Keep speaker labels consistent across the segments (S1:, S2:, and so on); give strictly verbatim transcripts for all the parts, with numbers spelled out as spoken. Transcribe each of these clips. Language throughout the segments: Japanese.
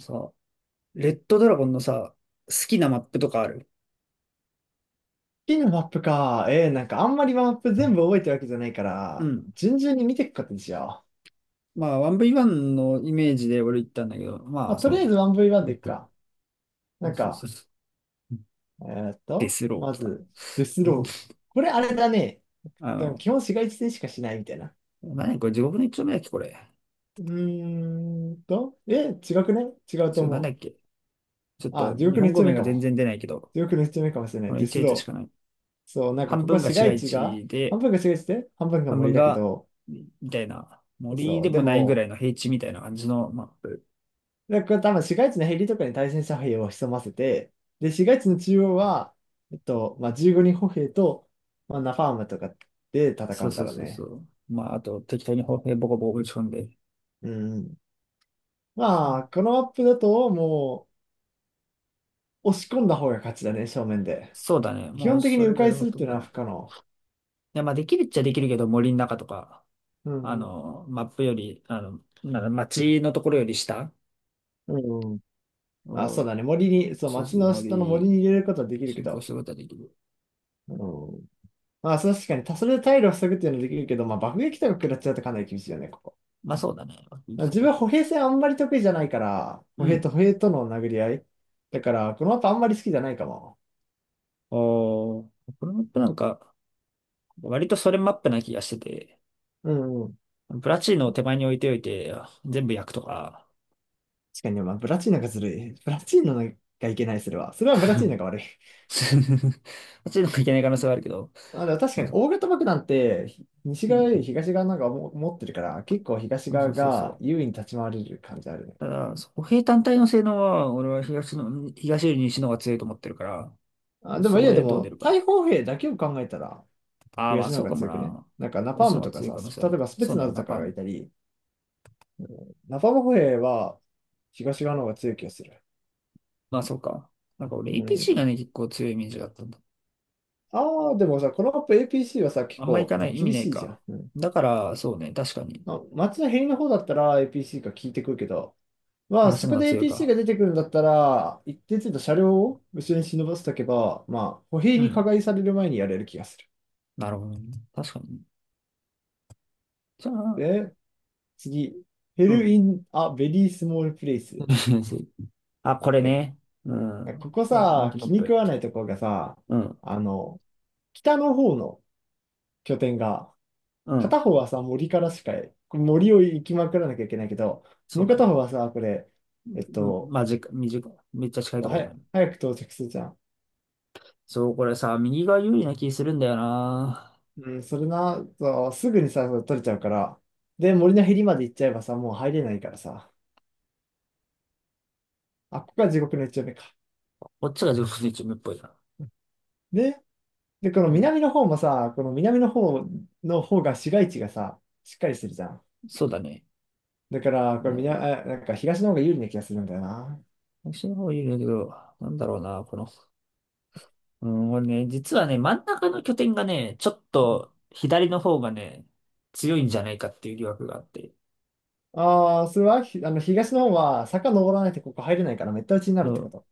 S1: さ、レッドドラゴンのさ、好きなマップとかある？
S2: P のマップか。えー、なんかあんまりマップ全部覚えてるわけじゃないか
S1: う
S2: ら、
S1: ん。
S2: 順々に見ていくことにしよ
S1: まあ、ワンブイワン のイメージで俺言ったんだけど、
S2: う。
S1: ま
S2: まあ、
S1: あ、
S2: と
S1: そう
S2: りあえず
S1: ね。
S2: ワンブイワン でいくか。
S1: そ
S2: な
S1: う
S2: ん
S1: そうそ
S2: か、
S1: うそう。
S2: えーっ
S1: デ
S2: と、
S1: スロー
S2: ま
S1: 来た。
S2: ず、デス
S1: うん。
S2: ロー。これあれだね。
S1: あ
S2: でも
S1: の、
S2: 基本市街地戦しかしないみたいな。
S1: 何やこれ、地獄の一丁目だっけ、これ。
S2: うーんと、え、違くね、違う
S1: そ
S2: と
S1: れなんだっ
S2: 思
S1: け。ちょっ
S2: う。あ、
S1: と、
S2: 地
S1: 日
S2: 獄の
S1: 本
S2: 一
S1: 語
S2: 丁
S1: 名
S2: 目
S1: が
S2: か
S1: 全
S2: も。
S1: 然出ないけど、
S2: 地獄の一丁目かもしれな
S1: こ
S2: い。
S1: の
S2: デス
S1: いちれつ列し
S2: ロ
S1: かない。
S2: ー。そう、なんか
S1: 半
S2: ここ
S1: 分
S2: は
S1: が
S2: 市
S1: 市
S2: 街
S1: 街
S2: 地が、
S1: 地
S2: 半
S1: で、
S2: 分が市街地で、半分が
S1: 半分
S2: 森だけ
S1: が、
S2: ど、
S1: みたいな、森
S2: そ
S1: で
S2: う、で
S1: もないぐら
S2: も、
S1: いの平地みたいな感じのマップ。
S2: で、これ多分市街地のヘリとかに対戦車兵を潜ませて、で、市街地の中央は、えっと、まあ、じゅうごにん歩兵と、まあ、ナファームとかで戦
S1: そ
S2: う
S1: う
S2: ん
S1: そ
S2: だ
S1: う
S2: ろう
S1: そうそ
S2: ね。
S1: う。まあ、あと、適当に砲兵ボコボコ打ち込んで。
S2: うんうん。まあ、このマップだと、もう、押し込んだ方が勝ちだね、正面で。
S1: そうだね。
S2: 基
S1: もう
S2: 本的
S1: そ
S2: に迂
S1: れ
S2: 回
S1: が
S2: す
S1: ほ
S2: るっ
S1: とん
S2: ていう
S1: ど
S2: のは
S1: な
S2: 不
S1: く。い
S2: 可能。
S1: や、まあできるっちゃできるけど、森の中とか、
S2: う
S1: あ
S2: んうん。
S1: の、マップより、あの、なんだ、街のところより下
S2: うんうん。あ、そ
S1: を、
S2: うだね。森に、そう、
S1: そう
S2: 町
S1: そう、
S2: の下の森
S1: 森、
S2: に入れることはできるけ
S1: 進行
S2: ど。
S1: することはできる。
S2: うん。まあ、そう確かに、たそれで退路を塞ぐっていうのはできるけど、まあ、爆撃とか食らっちゃうとかなり厳しいよね、ここ。
S1: まあそうだね。いいと
S2: 自
S1: こ
S2: 分は
S1: ク
S2: 歩
S1: ロ
S2: 兵
S1: ス。
S2: 戦あんまり得意じゃないから、
S1: う
S2: 歩兵
S1: ん。
S2: と歩兵との殴り合い。だから、この後あんまり好きじゃないかも。
S1: おー、このマップなんか、割とそれマップな気がしてて、
S2: うんうん。
S1: プラチーノを手前に置いておいて、全部焼くとか、
S2: 確かにね、まあ、ブラチーナがずるい。ブラチーナがいけない、それは。それはブラチ ー
S1: プ
S2: ナが悪い。
S1: ラチーノがいけない可能性はあるけど、
S2: あ、でも確か
S1: まあ
S2: に、
S1: そう。
S2: 大型爆弾って、ひ西
S1: う
S2: 側
S1: ん。
S2: より東側なんかも持ってるから、結構東
S1: そ
S2: 側
S1: うそうそ
S2: が
S1: う。
S2: 優位に立ち回れる感じあるね。
S1: ただ、歩兵単体の性能は、俺は東の、東より西の方が強いと思ってるから、
S2: あ、で
S1: そ
S2: もい
S1: こ
S2: や、で
S1: でどう出
S2: も、
S1: るか。
S2: 大砲兵だけを考えたら、
S1: ああ、ま
S2: 東
S1: あ
S2: の方
S1: そう
S2: が
S1: かも
S2: 強くね。
S1: な。
S2: なんか、ナパー
S1: 東の
S2: ム
S1: 方が
S2: とか
S1: 強い
S2: さ、
S1: 可能性あ
S2: 例え
S1: る。
S2: ばスペ
S1: そう
S2: ツナ
S1: ね、
S2: ズ
S1: ナ
S2: とか
S1: パ
S2: がい
S1: ン。
S2: たり、ナパーム歩兵は東側の方が強い気がする。
S1: まあそうか。なんか俺
S2: う
S1: a シー
S2: ん。
S1: がね、結構強いイメージがあったんだ。
S2: ああ、でもさ、このマップ エーピーシー はさ、結
S1: あんま行か
S2: 構
S1: ない、意味
S2: 厳
S1: ない
S2: しいじゃ
S1: か。
S2: ん。うん。
S1: だから、そうね、確かに。
S2: あ、街のへりの方だったら エーピーシー が効いてくるけど、まあ、
S1: 東
S2: そ
S1: の方
S2: こ
S1: が
S2: で
S1: 強い
S2: エーピーシー が
S1: か。
S2: 出てくるんだったら、一定程度車両を後ろに忍ばせておけば、まあ、歩兵
S1: う
S2: に加
S1: ん。
S2: 害される前にやれる気がする。
S1: なるほどね。確かに。じゃあ、
S2: で、次、ヘ
S1: う
S2: ル
S1: ん。
S2: イン・ア・ベリー・スモール・プレイス。
S1: あ、これ
S2: え、
S1: ね。うん。
S2: ここ
S1: あ、人
S2: さ、
S1: 気マッ
S2: 気に食
S1: プ。
S2: わないところがさ、
S1: うん。
S2: あの、北の方の拠点が
S1: う
S2: 片
S1: ん。
S2: 方はさ、森からしか、これ森を行きまくらなきゃいけないけど、
S1: そ
S2: も
S1: う
S2: う
S1: だ
S2: 片方
S1: ね。
S2: はさ、これ、えっ
S1: うん、
S2: と、
S1: まあ、じ、短いめっちゃ近いとこ
S2: は
S1: ろにあ
S2: や、
S1: る。
S2: 早く到着するじゃん。
S1: そう、これさ、右が有利な気するんだよな。
S2: うん、それな、そうすぐにさ、取れちゃうから。で、森のへりまで行っちゃえばさ、もう入れないからさ。あ、ここが地獄の一丁目か。
S1: こっちが上手にチームっぽいな。
S2: で、で、この
S1: うん、
S2: 南の方もさ、この南の方の方が市街地がさ、しっかりしてるじゃん。
S1: そうだね。
S2: だから、こ
S1: う
S2: れ南、
S1: ん、
S2: あなんか東の方が有利な気がするんだよな。
S1: 私の方有利だけど、なんだろうな、この。うん、これね、実はね、真ん中の拠点がね、ちょっと左の方がね、強いんじゃないかっていう疑惑があって。
S2: ああ、それは、ひあの、東の方は坂登らないとここ入れないからめった打ちになる
S1: う
S2: ってこ
S1: ん、
S2: と。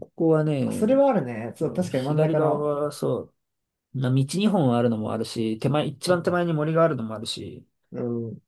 S1: ここは
S2: まあそれ
S1: ね、
S2: はあるね。そう、
S1: うん、
S2: 確かに真ん
S1: 左
S2: 中
S1: 側
S2: の。
S1: はそう、な道にほんあるのもあるし、手前、一番手前
S2: う
S1: に森があるのもあるし、
S2: ん。うん。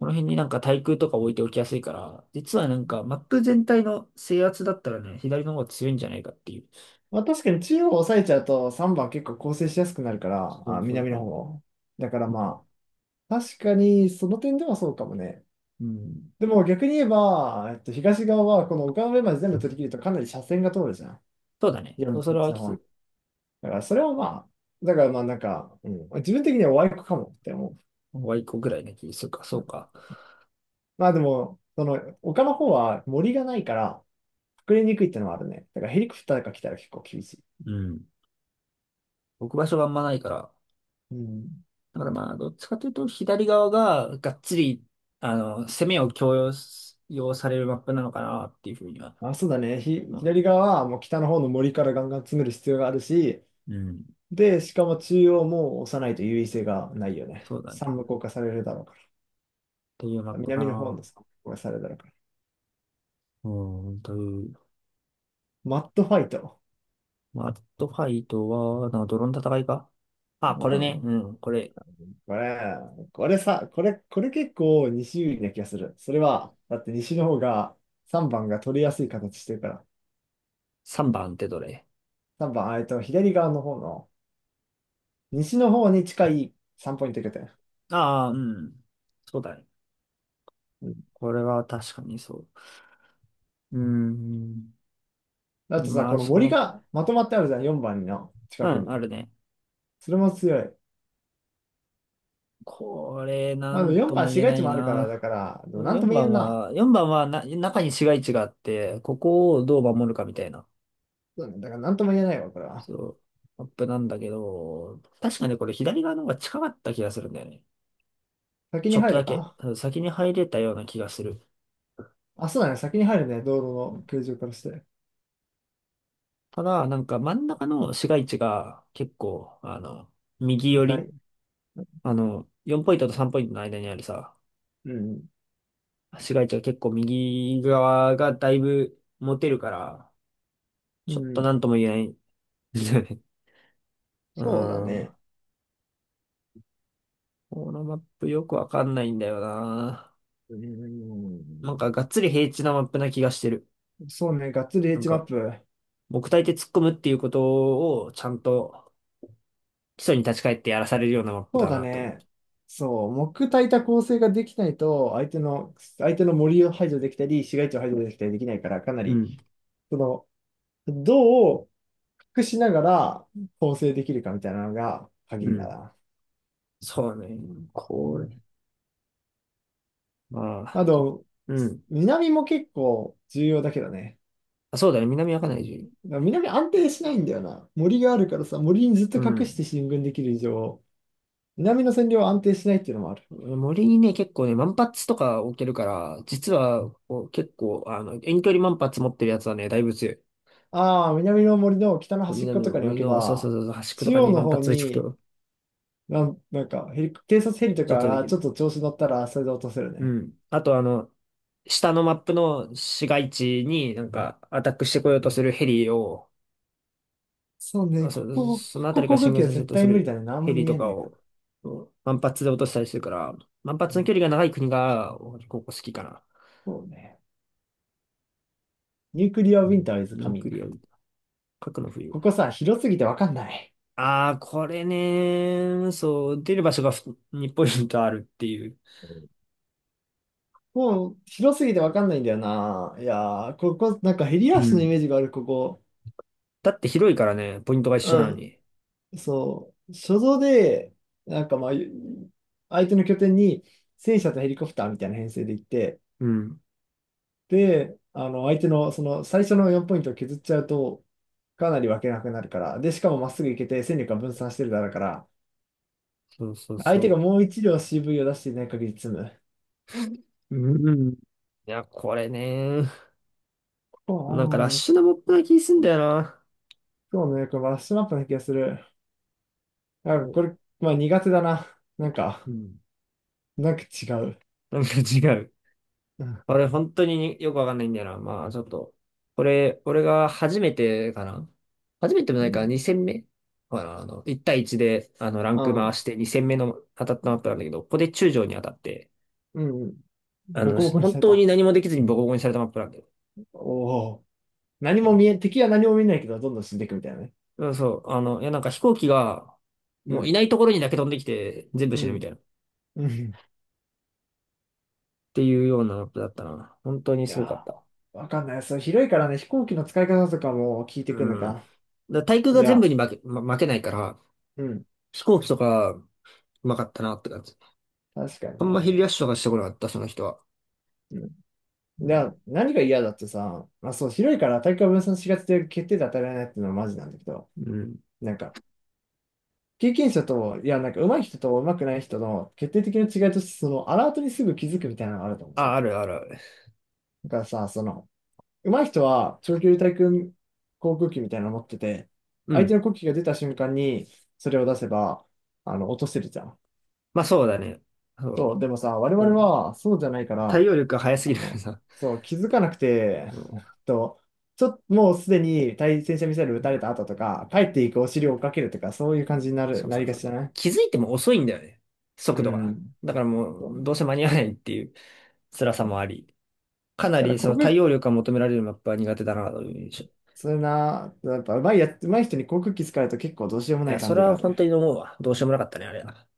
S1: この辺になんか対空とか置いておきやすいから、実はなんかマップ全体の制圧だったらね、左の方が強いんじゃないかっていう。
S2: まあ確かに中央を抑えちゃうとさんばん結構構成しやすくなるから、
S1: そ
S2: あ、
S1: うそう
S2: 南
S1: そ
S2: の
S1: う。
S2: 方。だから
S1: うん。
S2: まあ、確かにその点ではそうかもね。
S1: うん、
S2: でも逆に言えば、えっと、東側はこの丘の上まで全部取り切るとかなり斜線が通るじゃん。
S1: そうだね。
S2: よん
S1: そうそれ
S2: よんじゅういち
S1: は
S2: の
S1: き
S2: 方に。
S1: つ。
S2: だからそれはまあ、だからまあなんか、うん、自分的にはワイコかもって思う。
S1: ワイコぐらいの気するか、そうか。
S2: まあでも、その丘の方は森がないから、隠れにくいってのはあるね。だからヘリコプターが来たら結構厳しい。
S1: うん。置く場所があんまないから。
S2: うん。
S1: だからまあ、どっちかというと左側ががっつり、あの、攻めを強要す要されるマップなのかなっていうふうには
S2: あ、そうだね。ひ、
S1: 思うね。
S2: 左側はもう北の方の森からガンガン詰める必要があるし、
S1: うん。
S2: で、しかも中央も押さないと優位性がないよね。
S1: そうだね。
S2: 三無効化されるだろうか
S1: というマッ
S2: ら。
S1: プか
S2: 南の方
S1: な。
S2: の三無効化されるだろうから。
S1: うん、という。
S2: マットファイト。
S1: まあ、アットファイトは、なんかドローン戦いか。あ、
S2: う
S1: これね。
S2: ん。
S1: うん。これ、
S2: これ、これさ、これ、これ結構西有利な気がする。それは、だって西の方がさんばんが取りやすい形してるから。
S1: さんばんってどれ。
S2: さんばん、あえっと、左側の方の、西の方に近いさんポイントいけて。
S1: ああ、うん。そうだね。
S2: うん。
S1: これは確かにそう。うーん。
S2: あとさ、
S1: まあ、
S2: この
S1: そこ
S2: 森
S1: の、
S2: がまとまってあるじゃん、よんばんの
S1: う
S2: 近く
S1: ん、あ
S2: に。
S1: るね。
S2: それも強い。
S1: これ、な
S2: まあ、でも
S1: ん
S2: 4
S1: とも
S2: 番
S1: 言
S2: 市
S1: え
S2: 街
S1: な
S2: 地
S1: い
S2: もあるから、だか
S1: な。
S2: ら、でもなん
S1: 4
S2: とも言え
S1: 番
S2: んな。
S1: は、よんばんはな、中に市街地があって、ここをどう守るかみたいな、
S2: そうね、だからなんとも言えないわ、これは。
S1: そう、マップなんだけど、確かね、これ左側の方が近かった気がするんだよね。
S2: 先
S1: ち
S2: に
S1: ょっと
S2: 入
S1: だ
S2: る
S1: け、
S2: か
S1: うん先に入れたような気がする。
S2: あ、そうだね、先に入るね、道路の形状からして。
S1: ただ、なんか真ん中の市街地が結構、あの、右寄
S2: 硬
S1: り、
S2: い。
S1: あの、よんポイントとさんポイントの間にあるさ、
S2: うん、
S1: 市街地は結構右側がだいぶ持てるから、
S2: う
S1: ちょっとな
S2: ん、
S1: んとも言えないんだよね。う
S2: そうだ
S1: ん。
S2: ね。
S1: このマップよくわかんないんだよな。
S2: う
S1: なんか
S2: ん、
S1: がっつり平地なマップな気がしてる。
S2: そうね、がっつり
S1: なん
S2: H マッ
S1: か、
S2: プ。
S1: 木体で突っ込むっていうことをちゃんと基礎に立ち返ってやらされるようなマップ
S2: そう
S1: だ
S2: だ
S1: なと思う。
S2: ね。そう、木焚いた構成ができないと、相手の、相手の森を排除できたり、市街地を排除できたりできないから、かな
S1: う
S2: り、
S1: ん。
S2: その、どう隠しながら構成できるかみたいなのが
S1: う
S2: 鍵だ
S1: ん。
S2: な。
S1: そうね。
S2: う
S1: こ
S2: ん。
S1: あ
S2: あ
S1: あ、ちょ、
S2: と、
S1: うん。
S2: 南も結構重要だけどね。
S1: あ、そうだね。南アカナイ。
S2: 南安定しないんだよな。森があるからさ、森にずっと
S1: う
S2: 隠し
S1: ん。
S2: て進軍できる以上、南の占領は安定しないっていうのもある。
S1: 森にね、結構ね、万発とか置けるから、実はこう結構、あの、遠距離万発持ってるやつはね、だいぶ強い。
S2: ああ、南の森の北の端っこ
S1: 南
S2: と
S1: の
S2: かに置
S1: 森
S2: け
S1: の、そうそ
S2: ば、
S1: うそう、そう端っこ
S2: 中
S1: とか
S2: 央
S1: に
S2: の
S1: 万
S2: 方
S1: 発置いておく
S2: に、
S1: と、
S2: なんなんかヘリ、偵察ヘリと
S1: ちょ
S2: か
S1: っとで
S2: が
S1: き
S2: ち
S1: る。
S2: ょっと調子乗ったら、それで落とせる
S1: う
S2: ね。
S1: ん。あと、あの、下のマップの市街地になんかアタックしてこようとするヘリを、
S2: そう
S1: あ、
S2: ね、こ
S1: そ、
S2: こ、こ
S1: そのあた
S2: こ
S1: りから
S2: 航
S1: 進
S2: 空
S1: 軍
S2: 機は
S1: させよう
S2: 絶
S1: とす
S2: 対無理だ
S1: る
S2: ね。何
S1: ヘ
S2: も
S1: リ
S2: 見
S1: と
S2: え
S1: か
S2: ない
S1: を、
S2: から。
S1: うん万発で落としたりするから、万
S2: う
S1: 発の
S2: ん。
S1: 距離が長い国が、俺、ここ好きかな。
S2: そうね。ニュークリアウ
S1: う
S2: ィン
S1: ん。
S2: ターイズ
S1: ニ
S2: カ
S1: ュー
S2: ミン
S1: ク
S2: グ。
S1: リア、核の冬。
S2: ここさ、広すぎてわかんない。
S1: ああ、これね、そう、出る場所がにポイントあるっていう。
S2: もう広すぎてわかんないんだよな。いやー、ここ、なんかヘリ
S1: う
S2: アスのイ
S1: ん。
S2: メージがある、ここ。
S1: だって広いからね、ポイントが一緒な
S2: う
S1: の
S2: ん。
S1: に。
S2: そう。所蔵で、なんかまあ、相手の拠点に戦車とヘリコプターみたいな編成で行って、
S1: うん。
S2: で、あの、相手のその最初のよんポイントを削っちゃうと、かなり分けなくなるから。で、しかもまっすぐ行けて戦力が分散してるだろうから、
S1: そうそう
S2: 相手が
S1: そ
S2: もう一両 シーブイ を出していない限り積む。
S1: う。うん。いや、これね、
S2: こ
S1: なんか
S2: う、
S1: ラッ
S2: うん、
S1: シュなモップな気すんだよな。
S2: そうね、これラッシュマップな気がする。
S1: そ
S2: あ、
S1: う。
S2: これ、まあ苦手だな。なん
S1: う
S2: か。
S1: ん。
S2: なんか違う。
S1: なんか違う。
S2: うん。
S1: 俺、本当によくわかんないんだよな。まあ、ちょっと。これ、俺が初めてかな、初めても
S2: う
S1: ないか、
S2: ん。
S1: にせんめ戦目。ほら、あの、いち対いちで、あの、ランク
S2: あ、
S1: 回してに戦目の当たったマップなんだけど、ここで中将に当たって、
S2: うん。
S1: あ
S2: ボ
S1: の、
S2: コボコに
S1: 本
S2: され
S1: 当に
S2: た。
S1: 何もできずにボコボコにされたマップなんだよ。
S2: おお。何も見え、敵は何も見えないけど、どんどん死んでいくみたいなね。
S1: うん、そう、あの、いや、なんか飛行機が、
S2: う
S1: もうい
S2: ん。
S1: ないところにだけ飛んできて、全部
S2: う
S1: 死ぬみ
S2: ん。
S1: たいな。っ
S2: うん。
S1: ていうようなマップだったな。本当に
S2: い
S1: すごかっ
S2: や
S1: た。
S2: ー、わかんない。そう、広いからね、飛行機の使い方とかも聞いてくるの
S1: うん。だか
S2: か。
S1: ら対空
S2: い
S1: が全
S2: や、
S1: 部に負け、ま、負けないから、
S2: うん。
S1: 飛行機とか、うまかったなって感じ。
S2: 確かに
S1: あんま昼
S2: ね。
S1: 休みとかしてこなかった、その人は。
S2: うん。
S1: う
S2: い
S1: ん。
S2: や、何が嫌だってさ、まあそう、広いから大会分散しがちで決定で当たられないっていうのはマジなんだけど、
S1: うん。
S2: なんか、経験者と、いや、なんか上手い人と上手くない人の決定的な違いとして、そのアラートにすぐ気づくみたいなのがあると思
S1: あ、
S2: う。
S1: あるあるある。
S2: だからさ、その、上手い人は長距離対空航空機みたいなの持ってて、
S1: う
S2: 相手
S1: ん。
S2: の国旗が出た瞬間にそれを出せば、あの、落とせるじゃん。
S1: まあそうだね。そ
S2: そう、でもさ、我
S1: う。う
S2: 々
S1: ん、
S2: はそうじゃないか
S1: 対
S2: ら、
S1: 応力が早す
S2: あ
S1: ぎるから
S2: の、
S1: さ。
S2: そう、気づかなくて、
S1: うん
S2: と、ちょっと、もうすでに対戦車ミサイル撃
S1: う
S2: た
S1: ん
S2: れた後とか、帰っていくお
S1: う
S2: 尻を追
S1: ん、
S2: っかけるとか、そういう感じにな
S1: し
S2: る、
S1: かも
S2: な
S1: さ、
S2: りが
S1: そ
S2: ち
S1: う
S2: じゃない。
S1: 気づいても遅いんだよね。
S2: う
S1: 速度が。
S2: ん。
S1: だからも
S2: そう、
S1: う、どうせ間に合わないっていう辛さもあり。かな
S2: だから、
S1: りそ
S2: 航
S1: の
S2: 空、
S1: 対応力が求められるマップは苦手だなという印象。い
S2: それな、やっぱ上手いや、上手い人に航空機使うと結構どうしようもな
S1: や、
S2: い
S1: そ
S2: 感
S1: れ
S2: じが
S1: は
S2: ある。
S1: 本当に思うわ。どうしようもなかったね、あれは。